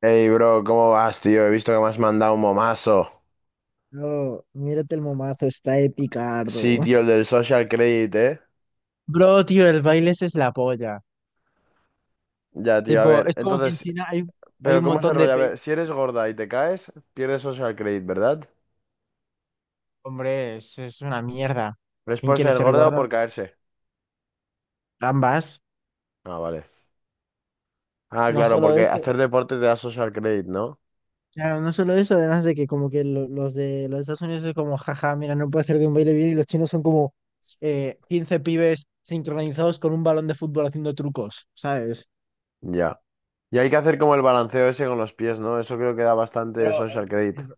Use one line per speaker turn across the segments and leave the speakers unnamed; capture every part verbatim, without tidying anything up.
Hey, bro, ¿cómo vas, tío? He visto que me has mandado un momazo.
No, mírate el momazo, está de
Sí,
picardo.
tío, el del social credit, ¿eh?
Bro, tío, el baile ese es la polla.
Ya, tío, a
Tipo,
ver.
es como que en
Entonces,
China hay, hay
¿pero
un
cómo es el
montón de
rollo? A
peña.
ver, si eres gorda y te caes, pierdes social credit, ¿verdad?
Hombre, es, es una mierda.
¿Pero es
¿Quién
por
quiere
ser
ser
gorda o por
gordo?
caerse?
Ambas.
Ah, vale. Ah,
No
claro,
solo
porque
eso.
hacer deporte te da social credit, ¿no?
Claro, no solo eso, además de que como que lo- los de los Estados Unidos es como, jaja, mira, no puede hacer de un baile bien y los chinos son como eh, quince pibes sincronizados con un balón de fútbol haciendo trucos, ¿sabes?
Ya. Y hay que hacer como el balanceo ese con los pies, ¿no? Eso creo que da bastante
Pero
social
eh,
credit.
el,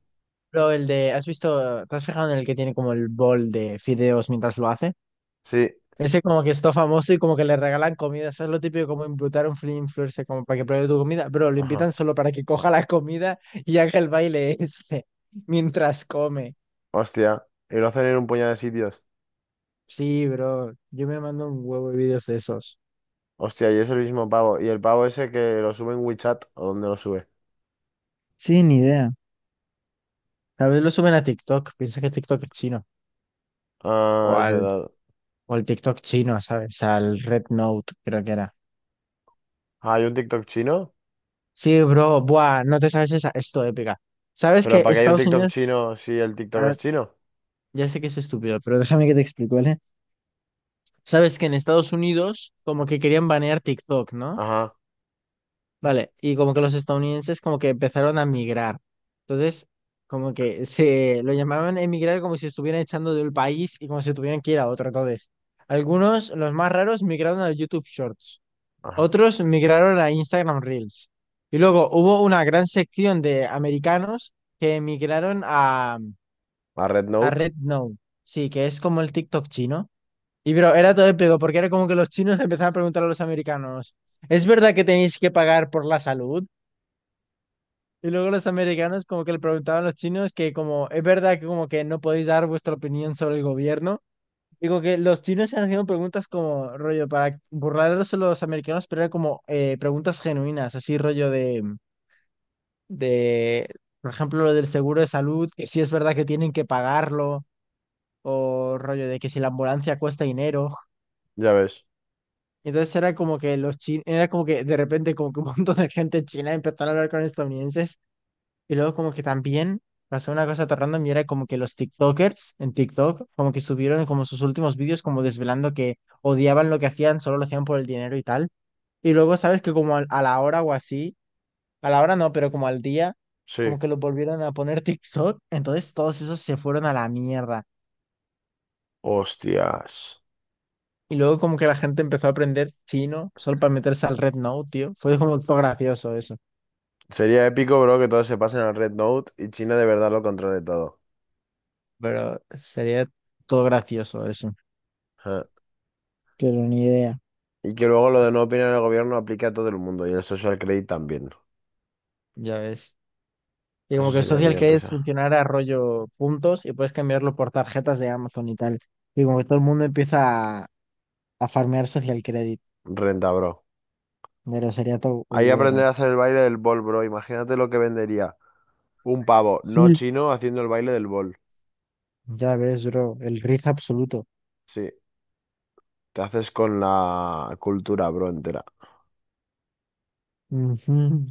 Pero el de, ¿has visto? ¿Te has fijado en el que tiene como el bol de fideos mientras lo hace?
Sí.
Ese como que está famoso y como que le regalan comida. Eso es lo típico como invitar a un free influencer como para que pruebe tu comida, pero lo
ajá.
invitan solo para que coja la comida y haga el baile ese mientras come.
Hostia. Y lo hacen en un puñado de sitios.
Sí, bro. Yo me mando un huevo de vídeos de esos.
Hostia, y es el mismo pavo. ¿Y el pavo ese que lo sube en WeChat o dónde lo sube?
Sí, ni idea. Tal vez lo suben a TikTok. Piensa que TikTok es chino. O
Ah, es
al,
verdad.
o al TikTok chino, ¿sabes? Al Red Note, creo que era.
Ah, ¿hay un TikTok chino?
Sí, bro, buah, no te sabes esa, esto épica. Sabes
¿Pero
que
para qué hay un
Estados
TikTok
Unidos,
chino si el TikTok es
ahora,
chino?
ya sé que es estúpido, pero déjame que te explico, ¿vale? Sabes que en Estados Unidos como que querían banear TikTok, ¿no?
Ajá,
Vale, y como que los estadounidenses como que empezaron a migrar. Entonces, como que se lo llamaban emigrar como si estuvieran echando del país y como si tuvieran que ir a otro. Entonces, algunos, los más raros, migraron a YouTube Shorts.
ajá.
Otros migraron a Instagram Reels. Y luego hubo una gran sección de americanos que migraron a,
A Red
a
Note,
RedNote, sí, que es como el TikTok chino. Y pero era todo épico, porque era como que los chinos empezaban a preguntar a los americanos, ¿es verdad que tenéis que pagar por la salud? Y luego los americanos como que le preguntaban a los chinos que como, ¿es verdad que como que no podéis dar vuestra opinión sobre el gobierno? Digo que los chinos se han haciendo preguntas como rollo para burlarlos a los americanos, pero era como eh, preguntas genuinas, así rollo de, de, por ejemplo, lo del seguro de salud, que si es verdad que tienen que pagarlo, o rollo de que si la ambulancia cuesta dinero.
ya ves.
Entonces era como que los chinos, era como que de repente como que un montón de gente china empezó a hablar con estadounidenses. Y luego como que también pasó una cosa tan random y era como que los TikTokers en TikTok como que subieron como sus últimos vídeos como desvelando que odiaban lo que hacían, solo lo hacían por el dinero y tal. Y luego sabes que como al- a, la hora o así, a la hora no, pero como al día,
Sí.
como que lo volvieron a poner TikTok, entonces todos esos se fueron a la mierda.
Hostias.
Y luego como que la gente empezó a aprender chino solo para meterse al Red Note tío. Fue como todo gracioso eso,
Sería épico, bro, que todos se pasen al Red Note y China de verdad lo controle todo.
pero sería todo gracioso eso.
Ja.
Pero ni idea,
Y que luego lo de no opinar el gobierno aplique a todo el mundo y el social credit también.
ya ves. Y como
Eso
que el
sería
social
bien
credit
risa.
funcionara rollo puntos y puedes cambiarlo por tarjetas de Amazon y tal. Y como que todo el mundo empieza a, a farmear social credit.
Renta, bro.
Pero sería todo
Ahí aprender
bueno.
a hacer el baile del bol, bro. Imagínate lo que vendería un pavo no
Sí.
chino haciendo el baile del bol.
Ya ves, bro, el riz absoluto.
Sí. Te haces con la cultura, bro, entera.
Ujú,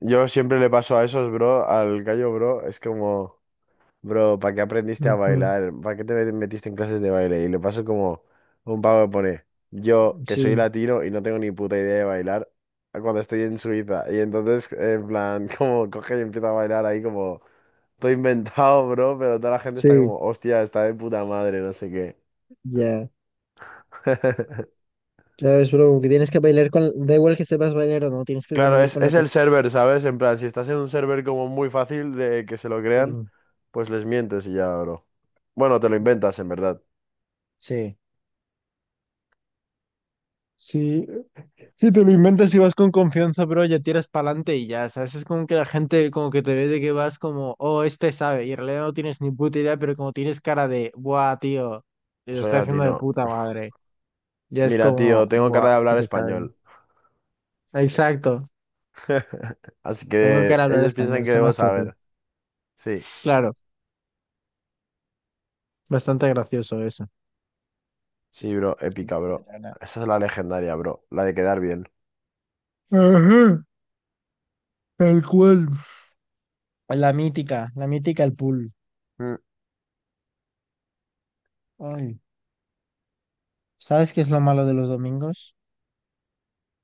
Yo siempre le paso a esos, bro, al gallo, bro. Es como, bro, ¿para qué aprendiste a
ujú.
bailar? ¿Para qué te metiste en clases de baile? Y le paso como un pavo que pone, yo, que soy
Sí,
latino y no tengo ni puta idea de bailar, cuando estoy en Suiza. Y entonces, en plan, como coge y empieza a bailar ahí como, todo inventado, bro, pero toda la gente está
sí,
como, hostia, está de puta madre, no sé qué.
ya. Ya ves, bro, que tienes que bailar con... Da igual que sepas bailar o no, tienes que
Claro,
comer
es,
con la...
es
con-
el server, ¿sabes? En plan, si estás en un server como muy fácil de que se lo crean, pues les mientes y ya, bro. Bueno, te lo inventas, en verdad.
Sí. Sí, si te lo inventas y vas con confianza, pero ya tiras para adelante y ya, ¿sabes? Es como que la gente como que te ve de que vas como, oh, este sabe, y en realidad no tienes ni puta idea, pero como tienes cara de, buah, tío, lo
Soy
estoy haciendo de
latino.
puta madre, ya es
Mira,
como,
tío, tengo cara
buah,
de
sí
hablar
que sabe.
español.
Exacto,
Así
tengo que
que
hablar
ellos piensan
español,
que
sé
debo
más que tú.
saber. Sí,
Claro, bastante gracioso eso.
sí, bro, épica, bro. Esa es la legendaria, bro. La de quedar bien.
Ajá, tal cual. La mítica, la mítica, el pool.
Mm.
Ay, ¿sabes qué es lo malo de los domingos?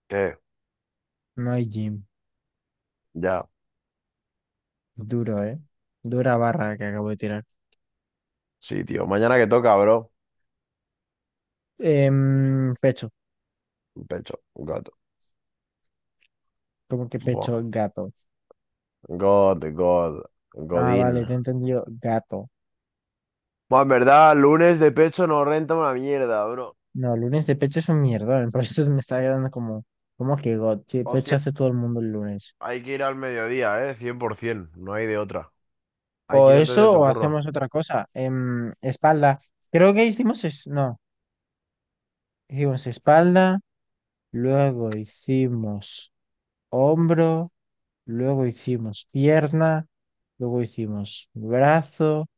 ¿Qué?
No hay gym.
Ya.
Duro, ¿eh? Dura barra que acabo de tirar.
Sí, tío. Mañana que toca, bro.
Em, pecho.
Un pecho, un gato.
¿Cómo que
Buah.
pecho? Gato.
God, God,
Ah,
Godín.
vale, te he entendido. Gato.
Bueno, en verdad, lunes de pecho no renta una mierda, bro.
No, lunes de pecho es un mierda. Por eso me está quedando como, ¿cómo que got? Sí,
Hostia,
pecho hace todo el mundo el lunes.
hay que ir al mediodía, ¿eh? cien por ciento, no hay de otra.
O
Hay que ir antes
eso,
de
o
tu curro.
hacemos otra cosa. Em, espalda. Creo que hicimos es, no, hicimos espalda, luego hicimos hombro, luego hicimos pierna, luego hicimos brazo,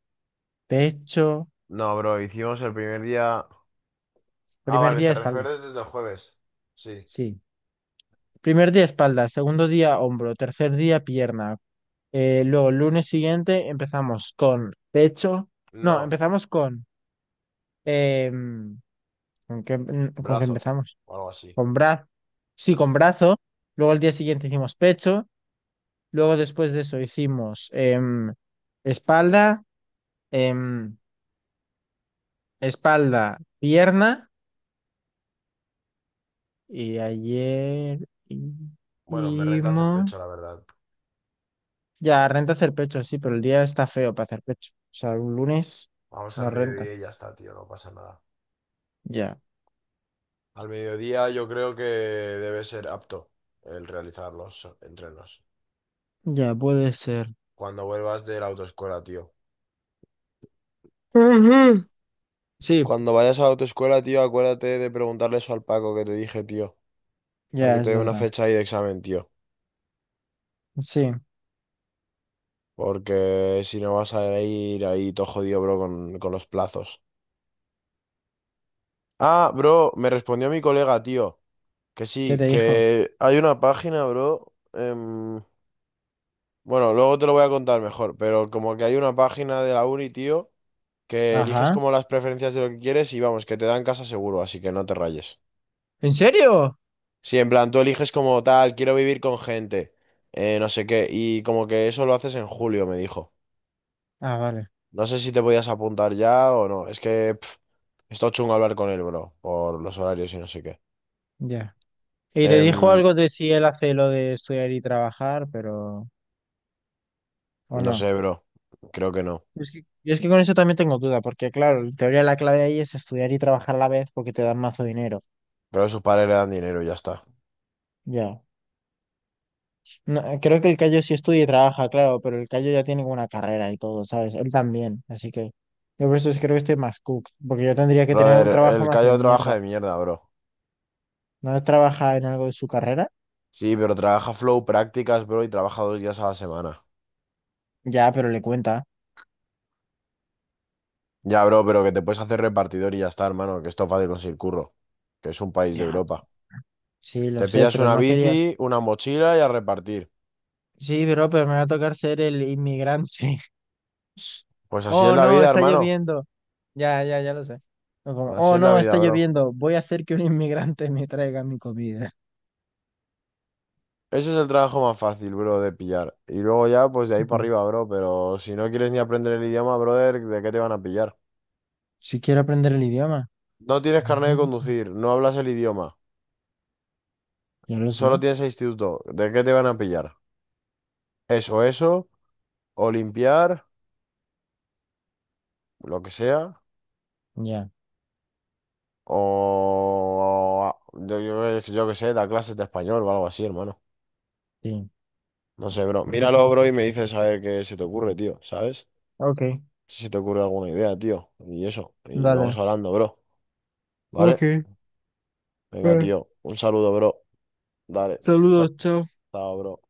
pecho.
No, bro, hicimos el primer día... Ah,
Primer
vale,
día
te
espalda.
refieres desde el jueves. Sí.
Sí. Primer día espalda, segundo día hombro, tercer día pierna. Eh, luego, lunes siguiente empezamos con pecho. No,
No,
empezamos con... em, ¿con qué, ¿con qué
brazo
empezamos?
o algo así.
Con brazo. Sí, con brazo. Luego el día siguiente hicimos pecho. Luego después de eso hicimos em, espalda, em, espalda, pierna. Y ayer
Bueno, me renta hacer
hicimos...
pecho, la verdad.
Ya, renta hacer pecho, sí, pero el día está feo para hacer pecho. O sea, un lunes
Vamos al
no renta.
mediodía y ya está, tío, no pasa nada.
Ya,
Al mediodía yo creo que debe ser apto el realizar los entrenos.
ya puede ser.
Cuando vuelvas de la autoescuela, tío.
Ujú. Sí,
Cuando vayas a la autoescuela, tío, acuérdate de preguntarle eso al Paco que te dije, tío. Para que
ya
te
es
dé una
verdad.
fecha ahí de examen, tío.
Sí,
Porque si no vas a ir ahí todo jodido, bro, con, con los plazos. Ah, bro, me respondió mi colega, tío. Que
¿qué
sí,
te dijo?
que hay una página, bro. Em, bueno, luego te lo voy a contar mejor, pero como que hay una página de la uni, tío, que eliges
Ajá.
como las preferencias de lo que quieres y vamos, que te dan casa seguro, así que no te rayes.
¿En serio?
Sí, en plan, tú eliges como tal, quiero vivir con gente, eh, no sé qué, y como que eso lo haces en julio, me dijo.
Ah, vale,
No sé si te podías apuntar ya o no, es que pff, está chungo hablar con él, bro, por los horarios y no sé qué.
ya. Y te dijo
Em,
algo de si él hace lo de estudiar y trabajar, pero... ¿O
no
no?
sé, bro, creo que no.
Es que, yo es que con eso también tengo duda, porque claro, en teoría la clave ahí es estudiar y trabajar a la vez porque te dan mazo dinero.
Creo que sus padres le dan dinero y ya está.
Ya. No, creo que el Cayo sí estudia y trabaja, claro, pero el Cayo ya tiene una carrera y todo, ¿sabes? Él también, así que yo por eso es- creo que estoy más cook, porque yo tendría que tener un
Brother,
trabajo
el
más de
Cayo trabaja
mierda.
de mierda, bro.
¿No trabaja en algo de su carrera?
Sí, pero trabaja flow prácticas, bro, y trabaja dos días a la semana.
Ya, pero le cuenta.
Ya, bro, pero que te puedes hacer repartidor y ya está, hermano, que esto es fácil conseguir curro, que es un país de
Ya,
Europa.
sí, lo
Te
sé,
pillas
pero
una
no quería.
bici, una mochila y a repartir.
Sí, pero, pero me va a tocar ser el inmigrante.
Pues así es
Oh,
la
no,
vida,
está
hermano.
lloviendo. Ya, ya, ya lo sé. O como,
Así
oh,
es la
no,
vida,
está
bro.
lloviendo. Voy a hacer que un inmigrante me traiga mi comida.
Ese es el trabajo más fácil, bro, de pillar. Y luego ya, pues de ahí
Ya.
para arriba, bro. Pero si no quieres ni aprender el idioma, brother, ¿de qué te van a pillar?
Si quiero aprender el idioma.
No tienes carnet de
Ujú.
conducir, no hablas el idioma,
Ya lo
solo
sé.
tienes el instituto. ¿De qué te van a pillar? Eso, eso, o limpiar, lo que sea,
Ya,
o yo, yo, yo qué sé, da clases de español o algo así, hermano.
sí.
No sé, bro. Míralo, bro, y me dices a ver qué se te ocurre, tío, ¿sabes?
Ok,
Si se te ocurre alguna idea, tío. Y eso. Y vamos
dale.
hablando, bro. ¿Vale?
Ok,
Venga,
vale.
tío. Un saludo, bro. Dale.
Saludos, chao.
Chao, bro.